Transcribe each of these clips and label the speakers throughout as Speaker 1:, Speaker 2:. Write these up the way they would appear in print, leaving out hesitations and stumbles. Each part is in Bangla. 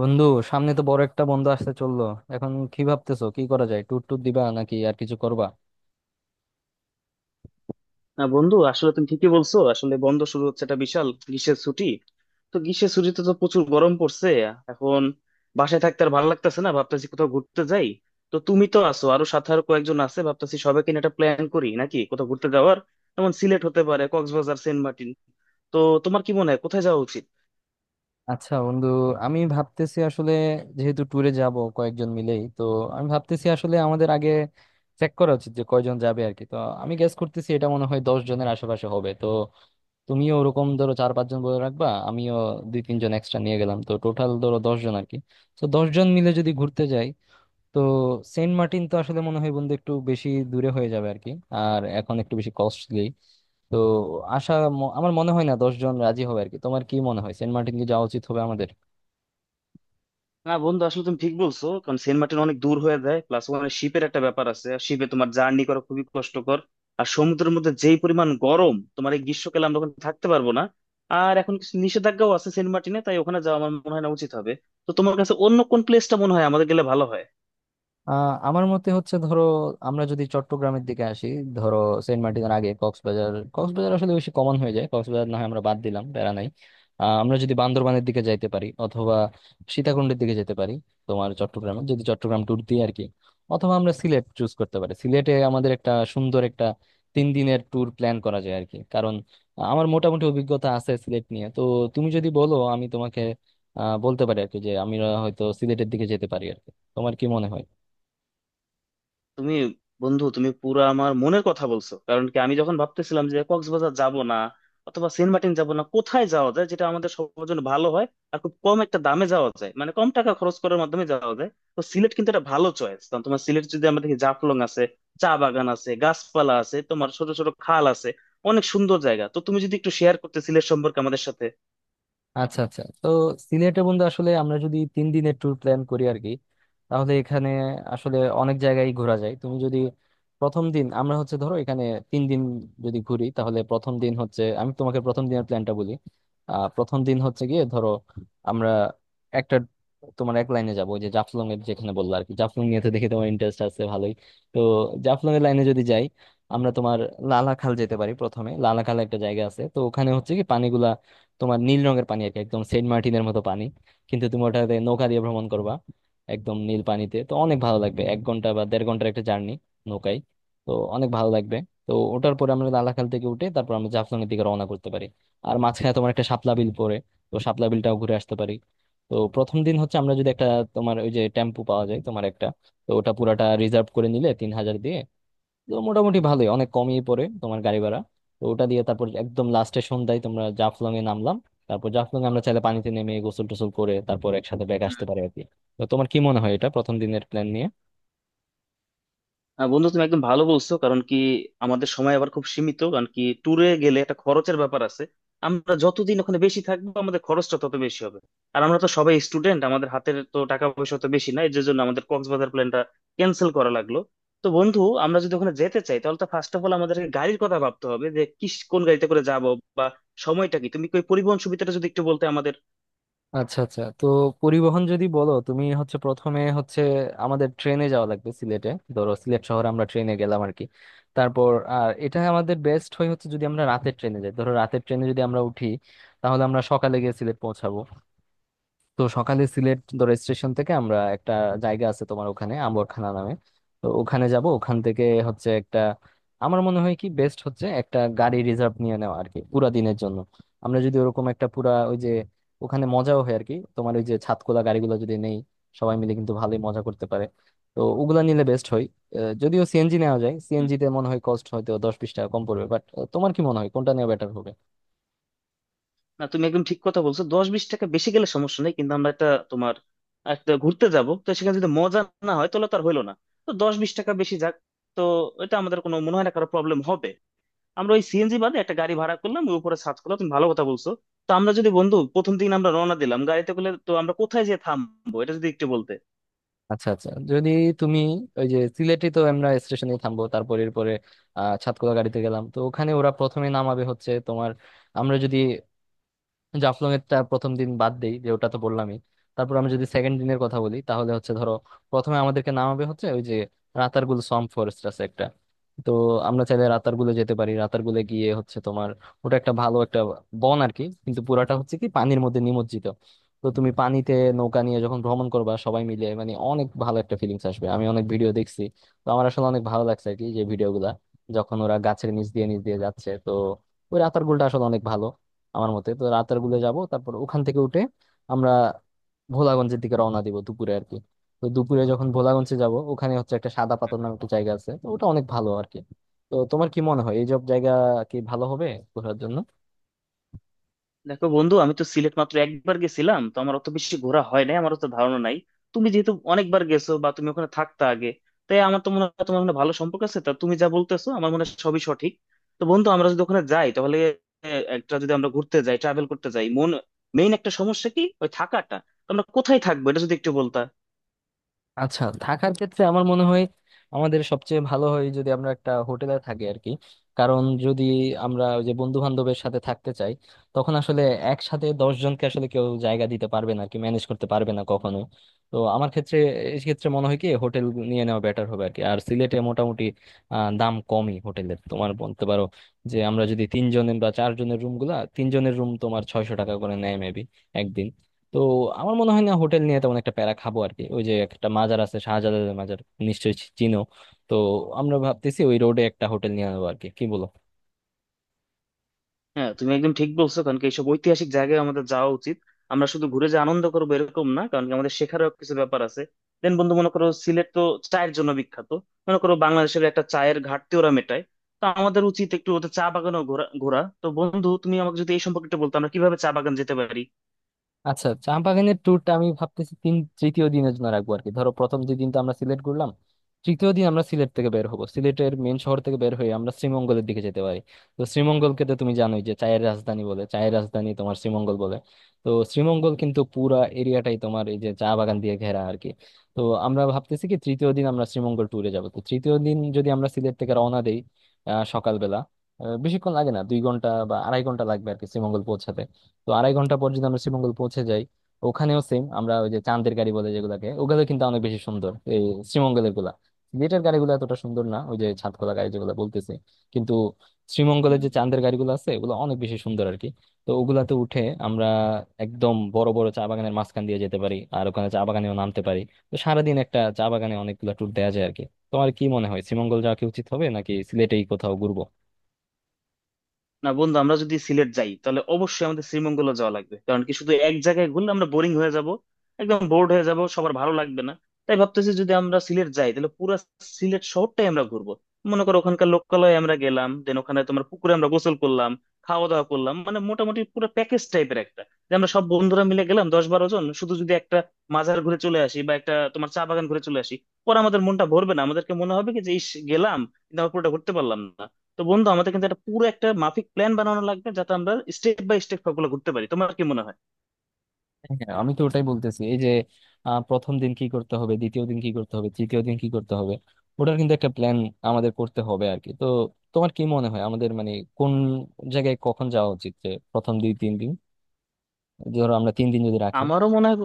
Speaker 1: বন্ধু, সামনে তো বড় একটা বন্ধ আসতে চললো। এখন কি ভাবতেছো, কি করা যায়? ট্যুর ট্যুর দিবা নাকি আর কিছু করবা?
Speaker 2: না বন্ধু, আসলে তুমি ঠিকই বলছো। আসলে বন্ধ শুরু হচ্ছে একটা বিশাল গ্রীষ্মের ছুটি। তো গ্রীষ্মের ছুটিতে তো প্রচুর গরম পড়ছে এখন। বাসায় থাকতে আর ভালো লাগতেছে না, ভাবতেছি কোথাও ঘুরতে যাই। তো তুমি তো আছো, আরো সাথে আরো কয়েকজন আছে, ভাবতেছি সবাইকে নিয়ে একটা প্ল্যান করি নাকি কোথাও ঘুরতে যাওয়ার। যেমন সিলেট হতে পারে, কক্সবাজার, সেন্ট মার্টিন। তো তোমার কি মনে হয় কোথায় যাওয়া উচিত?
Speaker 1: আচ্ছা বন্ধু, আমি ভাবতেছি আসলে যেহেতু ট্যুরে যাব কয়েকজন মিলেই তো, আমি ভাবতেছি আসলে আমাদের আগে চেক করা উচিত যে কয়জন যাবে আর কি। তো আমি গেস করতেছি এটা মনে হয় 10 জনের আশেপাশে হবে। তো তুমিও ওরকম ধরো চার পাঁচজন বলে রাখবা, আমিও দুই তিনজন এক্সট্রা নিয়ে গেলাম, তো টোটাল ধরো 10 জন আর কি। তো দশ জন মিলে যদি ঘুরতে যাই, তো সেন্ট মার্টিন তো আসলে মনে হয় বন্ধু একটু বেশি দূরে হয়ে যাবে আর কি। আর এখন একটু বেশি কস্টলি। তো আশা, আমার মনে হয় না 10 জন রাজি হবে আর কি। তোমার কি মনে হয় সেন্ট মার্টিন কি যাওয়া উচিত হবে আমাদের?
Speaker 2: না বন্ধু, আসলে তুমি ঠিক বলছো। কারণ সেন্ট মার্টিন অনেক দূর হয়ে যায়, প্লাস ওখানে শিপের একটা ব্যাপার আছে, আর শিপে তোমার জার্নি করা খুবই কষ্টকর। আর সমুদ্রের মধ্যে যেই পরিমাণ গরম তোমার, এই গ্রীষ্মকালে আমরা ওখানে থাকতে পারবো না। আর এখন কিছু নিষেধাজ্ঞাও আছে সেন্ট মার্টিনে, তাই ওখানে যাওয়া আমার মনে হয় না উচিত হবে। তো তোমার কাছে অন্য কোন প্লেসটা মনে হয় আমাদের গেলে ভালো হয়?
Speaker 1: আমার মতে হচ্ছে ধরো আমরা যদি চট্টগ্রামের দিকে আসি, ধরো সেন্ট মার্টিনের আগে কক্সবাজার, কক্সবাজার আসলে বেশি কমন হয়ে যায়। কক্সবাজার না হয় আমরা বাদ দিলাম, প্যারা নাই। আমরা যদি বান্দরবানের দিকে যাইতে পারি, অথবা সীতাকুণ্ডের দিকে যেতে পারি, তোমার চট্টগ্রামে যদি চট্টগ্রাম ট্যুর দিই আর কি। অথবা আমরা সিলেট চুজ করতে পারি। সিলেটে আমাদের একটা সুন্দর একটা 3 দিনের ট্যুর প্ল্যান করা যায় আর কি, কারণ আমার মোটামুটি অভিজ্ঞতা আছে সিলেট নিয়ে। তো তুমি যদি বলো আমি তোমাকে বলতে পারি আর কি যে আমরা হয়তো সিলেটের দিকে যেতে পারি আর কি। তোমার কি মনে হয়?
Speaker 2: তুমি বন্ধু, তুমি পুরো আমার মনের কথা বলছো। কারণ কি আমি যখন ভাবতেছিলাম যে কক্সবাজার যাব না, অথবা সেন্ট মার্টিন যাব না, কোথায় যাওয়া যায় যেটা আমাদের সবার জন্য ভালো হয় আর খুব কম একটা দামে যাওয়া যায়, মানে কম টাকা খরচ করার মাধ্যমে যাওয়া যায়। তো সিলেট কিন্তু একটা ভালো চয়েস। কারণ তোমার সিলেট যদি আমরা দেখি, জাফলং আছে, চা বাগান আছে, গাছপালা আছে, তোমার ছোট ছোট খাল আছে, অনেক সুন্দর জায়গা। তো তুমি যদি একটু শেয়ার করতে সিলেট সম্পর্কে আমাদের সাথে।
Speaker 1: আচ্ছা আচ্ছা, তো সিলেটে বন্ধু আসলে আমরা যদি 3 দিনের ট্যুর প্ল্যান করি আর কি, তাহলে এখানে আসলে অনেক জায়গায় ঘোরা যায়। তুমি যদি প্রথম দিন আমরা হচ্ছে ধরো এখানে 3 দিন যদি ঘুরি, তাহলে প্রথম দিন হচ্ছে, আমি তোমাকে প্রথম দিনের প্ল্যানটা বলি। প্রথম দিন হচ্ছে গিয়ে ধরো আমরা একটা তোমার এক লাইনে যাবো, ওই যে জাফলং এর যেখানে বললো আর কি। জাফলং নিয়ে তো দেখি তোমার ইন্টারেস্ট আছে ভালোই। তো জাফলং এর লাইনে যদি যাই আমরা তোমার লালাখাল যেতে পারি প্রথমে। লালাখাল একটা জায়গা আছে, তো ওখানে হচ্ছে কি পানিগুলা তোমার নীল রঙের পানি আর কি, একদম সেন্ট মার্টিনের মতো পানি। কিন্তু তুমি ওটাতে নৌকা দিয়ে ভ্রমণ করবা একদম নীল পানিতে, তো অনেক ভালো লাগবে। 1 ঘন্টা বা 1.5 ঘন্টার একটা জার্নি নৌকায়, তো অনেক ভালো লাগবে। তো ওটার পরে আমরা লালাখাল থেকে উঠে তারপর আমরা জাফলং এর দিকে রওনা করতে পারি। আর মাঝখানে তোমার একটা শাপলা বিল পড়ে, তো শাপলা বিলটাও ঘুরে আসতে পারি। তো প্রথম দিন হচ্ছে আমরা যদি একটা তোমার ওই যে টেম্পু পাওয়া যায় তোমার একটা, তো ওটা পুরাটা রিজার্ভ করে নিলে 3,000 দিয়ে, তো মোটামুটি ভালোই, অনেক কমই পড়ে তোমার গাড়ি ভাড়া। তো ওটা দিয়ে তারপর একদম লাস্টে সন্ধ্যায় তোমরা জাফলং এ নামলাম। তারপর জাফলং এ আমরা চাইলে পানিতে নেমে গোসল টোসল করে তারপর একসাথে ব্যাক আসতে পারি আর কি। তো তোমার কি মনে হয় এটা প্রথম দিনের প্ল্যান নিয়ে?
Speaker 2: বন্ধু, তুমি একদম ভালো বলছো। কারণ কি আমাদের সময় আবার খুব সীমিত, কারণ কি ট্যুরে গেলে একটা খরচের ব্যাপার আছে, আমরা যতদিন ওখানে বেশি থাকবো আমাদের খরচটা তত বেশি হবে। আর আমরা তো সবাই স্টুডেন্ট, আমাদের হাতের তো টাকা পয়সা তো বেশি না, এর জন্য আমাদের কক্সবাজার প্ল্যানটা ক্যান্সেল করা লাগলো। তো বন্ধু, আমরা যদি ওখানে যেতে চাই, তাহলে তো ফার্স্ট অফ অল আমাদেরকে গাড়ির কথা ভাবতে হবে যে কি কোন গাড়িতে করে যাব, বা সময়টা কি। তুমি কি ওই পরিবহন সুবিধাটা যদি একটু বলতে আমাদের।
Speaker 1: আচ্ছা আচ্ছা, তো পরিবহন যদি বলো, তুমি হচ্ছে প্রথমে হচ্ছে আমাদের ট্রেনে যাওয়া লাগবে সিলেটে। ধরো সিলেট শহরে আমরা ট্রেনে গেলাম আর কি। তারপর আর এটা আমাদের বেস্ট হয় হচ্ছে যদি আমরা রাতের ট্রেনে যাই। ধরো রাতের ট্রেনে যদি আমরা উঠি, তাহলে আমরা সকালে গিয়ে সিলেট পৌঁছাবো। তো সকালে সিলেট ধরো স্টেশন থেকে আমরা একটা জায়গা আছে তোমার ওখানে আম্বরখানা নামে, তো ওখানে যাব। ওখান থেকে হচ্ছে একটা, আমার মনে হয় কি বেস্ট হচ্ছে একটা গাড়ি রিজার্ভ নিয়ে নেওয়া আর কি, পুরা দিনের জন্য। আমরা যদি ওরকম একটা পুরা ওই যে ওখানে মজাও হয় আর কি, তোমার ওই যে ছাদখোলা গাড়িগুলো যদি নেই, সবাই মিলে কিন্তু ভালোই মজা করতে পারে। তো ওগুলা নিলে বেস্ট হয়। যদিও সিএনজি নেওয়া যায়, সিএনজি তে মনে হয় কস্ট হয়তো 10-20 টাকা কম পড়বে, বাট তোমার কি মনে হয় কোনটা নেওয়া বেটার হবে?
Speaker 2: না, তুমি একদম ঠিক কথা বলছো। 10-20 টাকা বেশি গেলে সমস্যা নেই, কিন্তু আমরা একটা তোমার একটা ঘুরতে যাব, তো সেখানে যদি মজা না হয় তাহলে তো আর হইলো না। তো 10-20 টাকা বেশি যাক। তো এটা আমাদের কোনো মনে হয় না কারো প্রবলেম হবে। আমরা ওই সিএনজি বাদে একটা গাড়ি ভাড়া করলাম, ওই উপরে সার্চ করলাম, তুমি ভালো কথা বলছো। তো আমরা যদি বন্ধু প্রথম দিন আমরা রওনা দিলাম গাড়িতে করে, তো আমরা কোথায় যেয়ে থামবো এটা যদি একটু বলতে।
Speaker 1: আচ্ছা আচ্ছা, যদি তুমি ওই যে সিলেটে তো আমরা স্টেশনে থামবো, তারপর এরপরে সাতকলা গাড়িতে গেলাম, তো ওখানে ওরা প্রথমে নামাবে হচ্ছে তোমার, আমরা যদি জাফলং এরটা প্রথম দিন বাদ দেই যে ওটা তো বললামই। তারপর আমি যদি সেকেন্ড দিনের কথা বলি, তাহলে হচ্ছে ধরো প্রথমে আমাদেরকে নামাবে হচ্ছে ওই যে রাতারগুল সোয়াম্প ফরেস্ট আছে একটা। তো আমরা চাইলে রাতারগুলে যেতে পারি। রাতারগুলে গিয়ে হচ্ছে তোমার ওটা একটা ভালো একটা বন আর কি, কিন্তু পুরাটা হচ্ছে কি পানির মধ্যে নিমজ্জিত। তো তুমি পানিতে নৌকা নিয়ে যখন ভ্রমণ করবা সবাই মিলে মানে অনেক ভালো একটা ফিলিংস আসবে। আমি অনেক ভিডিও দেখছি, তো আমার আসলে অনেক ভালো লাগছে আর কি যে ভিডিওগুলা যখন ওরা গাছের নিচ দিয়ে নিচ দিয়ে যাচ্ছে। তো ওই রাতারগুলটা আসলে অনেক ভালো আমার মতে। তো রাতের গুলে যাব, তারপর ওখান থেকে উঠে আমরা ভোলাগঞ্জের দিকে রওনা দিব দুপুরে আর কি। তো দুপুরে যখন ভোলাগঞ্জে যাব, ওখানে হচ্ছে একটা সাদা পাথর নামে একটা জায়গা আছে, তো ওটা অনেক ভালো আর কি। তো তোমার কি মনে হয় এই সব জায়গা কি ভালো হবে ঘোরার জন্য?
Speaker 2: দেখো বন্ধু, আমি তো সিলেট মাত্র একবার গেছিলাম, তো আমার অত বেশি ঘোরা হয় নাই, আমার অত ধারণা নাই। তুমি যেহেতু অনেকবার গেছো বা তুমি ওখানে থাকতে আগে, তাই আমার তো মনে হয় তোমার মনে হয় ভালো সম্পর্ক আছে। তা তুমি যা বলতেছো আমার মনে হয় সবই সঠিক। তো বন্ধু, আমরা যদি ওখানে যাই তাহলে একটা যদি আমরা ঘুরতে যাই ট্রাভেল করতে যাই, মেইন একটা সমস্যা কি ওই থাকাটা। তো আমরা কোথায় থাকবো এটা যদি একটু বলতা।
Speaker 1: আচ্ছা, থাকার ক্ষেত্রে আমার মনে হয় আমাদের সবচেয়ে ভালো হয় যদি আমরা একটা হোটেলে থাকি আর কি। কারণ যদি আমরা ওই যে বন্ধু বান্ধবের সাথে থাকতে চাই, তখন আসলে একসাথে দশ জনকে আসলে কেউ জায়গা দিতে পারবে না আর কি, ম্যানেজ করতে পারবে না কখনো। তো আমার ক্ষেত্রে এই ক্ষেত্রে মনে হয় কি হোটেল নিয়ে নেওয়া বেটার হবে আর কি। আর সিলেটে মোটামুটি দাম কমই হোটেলের, তোমার বলতে পারো যে আমরা যদি তিনজনের বা চারজনের রুম গুলা তিনজনের রুম তোমার 600 টাকা করে নেয় মেবি একদিন। তো আমার মনে হয় না হোটেল নিয়ে তেমন একটা প্যারা খাবো আর কি। ওই যে একটা মাজার আছে শাহজালালের মাজার, নিশ্চয়ই চিনো। তো আমরা ভাবতেছি ওই রোডে একটা হোটেল নিয়ে নেবো আর কি, কি বলো?
Speaker 2: হ্যাঁ, তুমি একদম ঠিক বলছো। কারণ কি এইসব ঐতিহাসিক জায়গায় আমাদের যাওয়া উচিত। আমরা শুধু ঘুরে যে আনন্দ করবো এরকম না, কারণ কি আমাদের শেখারও কিছু ব্যাপার আছে। দেন বন্ধু, মনে করো সিলেট তো চায়ের জন্য বিখ্যাত। মনে করো বাংলাদেশের একটা চায়ের ঘাটতি ওরা মেটায়। তো আমাদের উচিত একটু ওদের চা বাগানও ঘোরা ঘোরা। তো বন্ধু, তুমি আমাকে যদি এই সম্পর্কে একটু বলতো আমরা কিভাবে চা বাগান যেতে পারি।
Speaker 1: আচ্ছা, চা বাগানের ট্যুরটা আমি ভাবতেছি তৃতীয় দিনের জন্য রাখবো আর কি। ধরো প্রথম যে দিনটা আমরা সিলেট করলাম, তৃতীয় দিন আমরা সিলেট থেকে বের হবো। সিলেটের মেন শহর থেকে বের হয়ে আমরা শ্রীমঙ্গলের দিকে যেতে পারি। তো শ্রীমঙ্গলকে তো তুমি জানোই যে চায়ের রাজধানী বলে, চায়ের রাজধানী তোমার শ্রীমঙ্গল বলে। তো শ্রীমঙ্গল কিন্তু পুরা এরিয়াটাই তোমার এই যে চা বাগান দিয়ে ঘেরা আর কি। তো আমরা ভাবতেছি কি তৃতীয় দিন আমরা শ্রীমঙ্গল ট্যুরে যাবো। তো তৃতীয় দিন যদি আমরা সিলেট থেকে রওনা দেই সকালবেলা, বেশিক্ষণ লাগে না, 2 ঘন্টা বা 2.5 ঘন্টা লাগবে আর কি শ্রীমঙ্গল পৌঁছাতে। তো 2.5 ঘন্টা পর যদি আমরা শ্রীমঙ্গল পৌঁছে যাই, ওখানেও সেম আমরা ওই যে চাঁদের গাড়ি বলে যেগুলাকে, ওগুলো কিন্তু অনেক বেশি সুন্দর এই শ্রীমঙ্গলের গুলা। সিলেটের গাড়িগুলো এতটা সুন্দর না, ওই যে ছাদ খোলা গাড়ি যেগুলো বলতেছি। কিন্তু শ্রীমঙ্গলের
Speaker 2: হুম।
Speaker 1: যে চাঁদের গাড়িগুলো আছে ওগুলো অনেক বেশি সুন্দর আর কি। তো ওগুলাতে উঠে আমরা একদম বড় বড় চা বাগানের মাঝখান দিয়ে যেতে পারি, আর ওখানে চা বাগানেও নামতে পারি। তো সারাদিন একটা চা বাগানে অনেকগুলো ট্যুর দেওয়া যায় আর কি। তোমার কি মনে হয় শ্রীমঙ্গল যাওয়া কি উচিত হবে নাকি সিলেটেই কোথাও ঘুরবো?
Speaker 2: না বন্ধু, আমরা যদি সিলেট যাই তাহলে অবশ্যই আমাদের শ্রীমঙ্গলে যাওয়া লাগবে। কারণ কি শুধু এক জায়গায় ঘুরলে আমরা বোরিং হয়ে যাব, একদম বোর্ড হয়ে যাব, সবার ভালো লাগবে না। তাই ভাবতেছি যদি আমরা সিলেট যাই তাহলে পুরো সিলেট শহরটাই আমরা ঘুরবো। মনে করো ওখানকার লোকালয়ে আমরা গেলাম, দেন ওখানে তোমার পুকুরে আমরা গোসল করলাম, খাওয়া দাওয়া করলাম, মানে মোটামুটি পুরো প্যাকেজ টাইপের একটা। যে আমরা সব বন্ধুরা মিলে গেলাম 10-12 জন, শুধু যদি একটা মাজার ঘুরে চলে আসি বা একটা তোমার চা বাগান ঘুরে চলে আসি, পরে আমাদের মনটা ভরবে না, আমাদেরকে মনে হবে কি যে ইস গেলাম কিন্তু আমরা পুরোটা ঘুরতে পারলাম না। তো বন্ধু, আমাদের কিন্তু একটা পুরো একটা মাফিক প্ল্যান বানানো লাগবে, যাতে আমরা স্টেপ বাই স্টেপ সবগুলো করতে পারি। তোমার কি মনে হয়?
Speaker 1: হ্যাঁ, আমি তো ওটাই বলতেছি, এই যে প্রথম দিন কি করতে হবে, দ্বিতীয় দিন কি করতে হবে, তৃতীয় দিন কি করতে হবে, ওটার কিন্তু একটা প্ল্যান আমাদের করতে হবে আর কি। তো তোমার কি মনে হয় আমাদের মানে কোন জায়গায় কখন যাওয়া উচিত, যে প্রথম 2-3 দিন, ধরো আমরা 3 দিন যদি রাখি?
Speaker 2: আমারও মনে হয়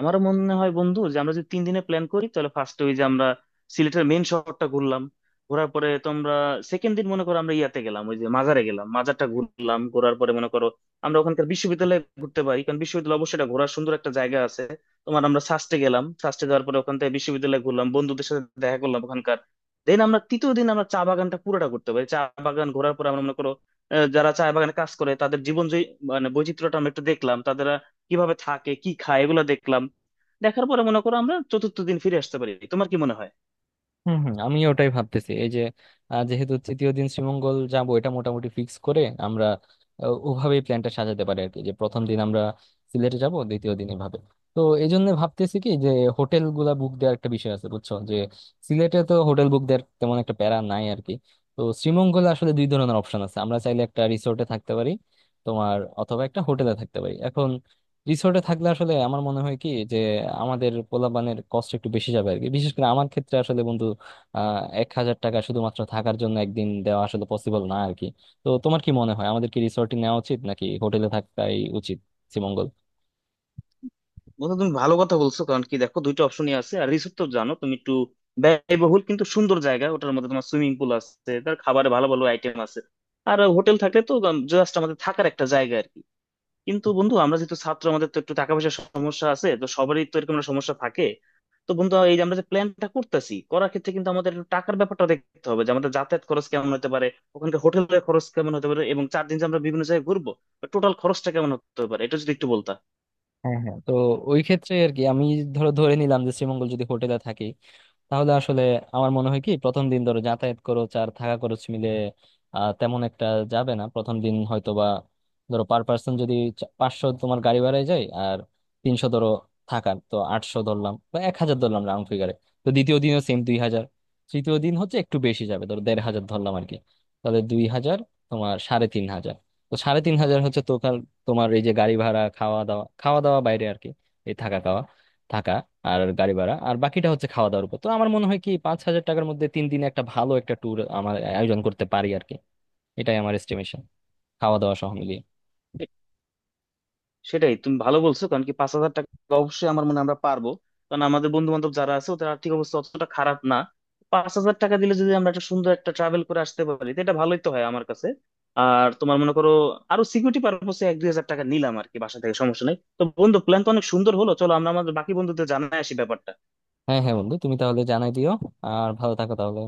Speaker 2: আমারও মনে হয় বন্ধু, যে আমরা যদি 3 দিনে প্ল্যান করি তাহলে ফার্স্ট ওই যে আমরা সিলেটের মেন শহরটা ঘুরলাম। ঘোরার পরে তোমরা সেকেন্ড দিন মনে করো আমরা ইয়াতে গেলাম, ওই যে মাজারে গেলাম, মাজারটা ঘুরলাম, ঘোরার পরে মনে করো আমরা ওখানকার বিশ্ববিদ্যালয়ে ঘুরতে পারি। কারণ বিশ্ববিদ্যালয় অবশ্যই এটা ঘোরার সুন্দর একটা জায়গা আছে তোমার। আমরা সাস্টে গেলাম, সাস্টে যাওয়ার পরে ওখান থেকে বিশ্ববিদ্যালয়ে ঘুরলাম, বন্ধুদের সাথে দেখা করলাম ওখানকার। দেন আমরা তৃতীয় দিন আমরা চা বাগানটা পুরোটা করতে পারি। চা বাগান ঘোরার পরে আমরা মনে করো, যারা চা বাগানে কাজ করে তাদের জীবন জয়ী মানে বৈচিত্র্যটা আমরা একটু দেখলাম, তাদের কিভাবে থাকে কি খায় এগুলো দেখলাম। দেখার পরে মনে করো আমরা চতুর্থ দিন ফিরে আসতে পারি। তোমার কি মনে হয়?
Speaker 1: হম হম আমি ওটাই ভাবতেছি, এই যে যেহেতু তৃতীয় দিন শ্রীমঙ্গল যাব এটা মোটামুটি ফিক্স করে আমরা ওভাবেই প্ল্যানটা সাজাতে পারি আর কি, যে প্রথম দিন আমরা সিলেটে যাব, দ্বিতীয় দিন এভাবে। তো এই জন্য ভাবতেছি কি যে হোটেল গুলা বুক দেওয়ার একটা বিষয় আছে, বুঝছো? যে সিলেটে তো হোটেল বুক দেওয়ার তেমন একটা প্যারা নাই আর কি। তো শ্রীমঙ্গলে আসলে দুই ধরনের অপশন আছে, আমরা চাইলে একটা রিসোর্টে থাকতে পারি তোমার, অথবা একটা হোটেলে থাকতে পারি। এখন রিসোর্টে থাকলে আসলে আমার মনে হয় কি যে আমাদের পোলাপানের কষ্ট একটু বেশি যাবে আর কি, বিশেষ করে আমার ক্ষেত্রে আসলে বন্ধু 1,000 টাকা শুধুমাত্র থাকার জন্য একদিন দেওয়া আসলে পসিবল না আর কি। তো তোমার কি মনে হয় আমাদের কি রিসোর্টে নেওয়া উচিত নাকি হোটেলে থাকাই উচিত শ্রীমঙ্গল?
Speaker 2: বন্ধু, তুমি ভালো কথা বলছো। কারণ কি দেখো দুইটা অপশনই আছে। আর রিসোর্ট তো জানো তুমি, একটু ব্যয়বহুল কিন্তু সুন্দর জায়গা। ওটার মধ্যে তোমার সুইমিং পুল আছে, তার খাবারে ভালো ভালো আইটেম আছে। আর হোটেল থাকলে তো জাস্ট আমাদের থাকার একটা জায়গা আর কি। কিন্তু বন্ধু, আমরা যেহেতু ছাত্র, আমাদের তো একটু টাকা পয়সার সমস্যা আছে, তো সবারই তো এরকম একটা সমস্যা থাকে। তো বন্ধু, এই যে আমরা যে প্ল্যানটা করতেছি করার ক্ষেত্রে কিন্তু আমাদের একটু টাকার ব্যাপারটা দেখতে হবে, যে আমাদের যাতায়াত খরচ কেমন হতে পারে, ওখানকার হোটেলের খরচ কেমন হতে পারে, এবং 4 দিন যে আমরা বিভিন্ন জায়গায় ঘুরবো টোটাল খরচটা কেমন হতে পারে, এটা যদি একটু বলতা।
Speaker 1: হ্যাঁ হ্যাঁ, তো ওই ক্ষেত্রে আর কি আমি ধরো ধরে নিলাম যে শ্রীমঙ্গল যদি হোটেলে থাকি, তাহলে আসলে আমার মনে হয় কি প্রথম দিন ধরো যাতায়াত খরচ আর থাকা খরচ মিলে তেমন একটা যাবে না। প্রথম দিন হয়তো বা ধরো পার পার্সন যদি 500 তোমার গাড়ি ভাড়ায় যায়, আর 300 ধরো থাকার, তো 800 ধরলাম বা 1,000 ধরলাম রাউন্ড ফিগারে। তো দ্বিতীয় দিনও সেম 2,000। তৃতীয় দিন হচ্ছে একটু বেশি যাবে, ধরো 1,500 ধরলাম আর কি। তাহলে 2,000, তোমার 3,500। তো 3,500 হচ্ছে তোমার, তোমার এই যে গাড়ি ভাড়া, খাওয়া দাওয়া, খাওয়া দাওয়া বাইরে আর কি, এই থাকা খাওয়া, থাকা আর গাড়ি ভাড়া, আর বাকিটা হচ্ছে খাওয়া দাওয়ার উপর। তো আমার মনে হয় কি 5,000 টাকার মধ্যে 3 দিনে একটা ভালো একটা ট্যুর আমার আয়োজন করতে পারি আর কি। এটাই আমার এস্টিমেশন, খাওয়া দাওয়া সহ মিলিয়ে।
Speaker 2: সেটাই, তুমি ভালো বলছো। কারণ কি 5,000 টাকা অবশ্যই আমার মনে হয় আমরা পারবো। কারণ আমাদের বন্ধু বান্ধব যারা আছে ওদের আর্থিক অবস্থা অতটা খারাপ না। 5,000 টাকা দিলে যদি আমরা একটা সুন্দর একটা ট্রাভেল করে আসতে পারি, তো এটা ভালোই তো হয় আমার কাছে। আর তোমার মনে করো, আরো সিকিউরিটি পারপোসে 1-2 হাজার টাকা নিলাম আর কি, বাসা থেকে সমস্যা নেই। তো বন্ধু, প্ল্যান তো অনেক সুন্দর হলো, চলো আমরা আমাদের বাকি বন্ধুদের জানাই আসি ব্যাপারটা।
Speaker 1: হ্যাঁ হ্যাঁ বন্ধু, তুমি তাহলে জানাই দিও। আর ভালো থাকো তাহলে।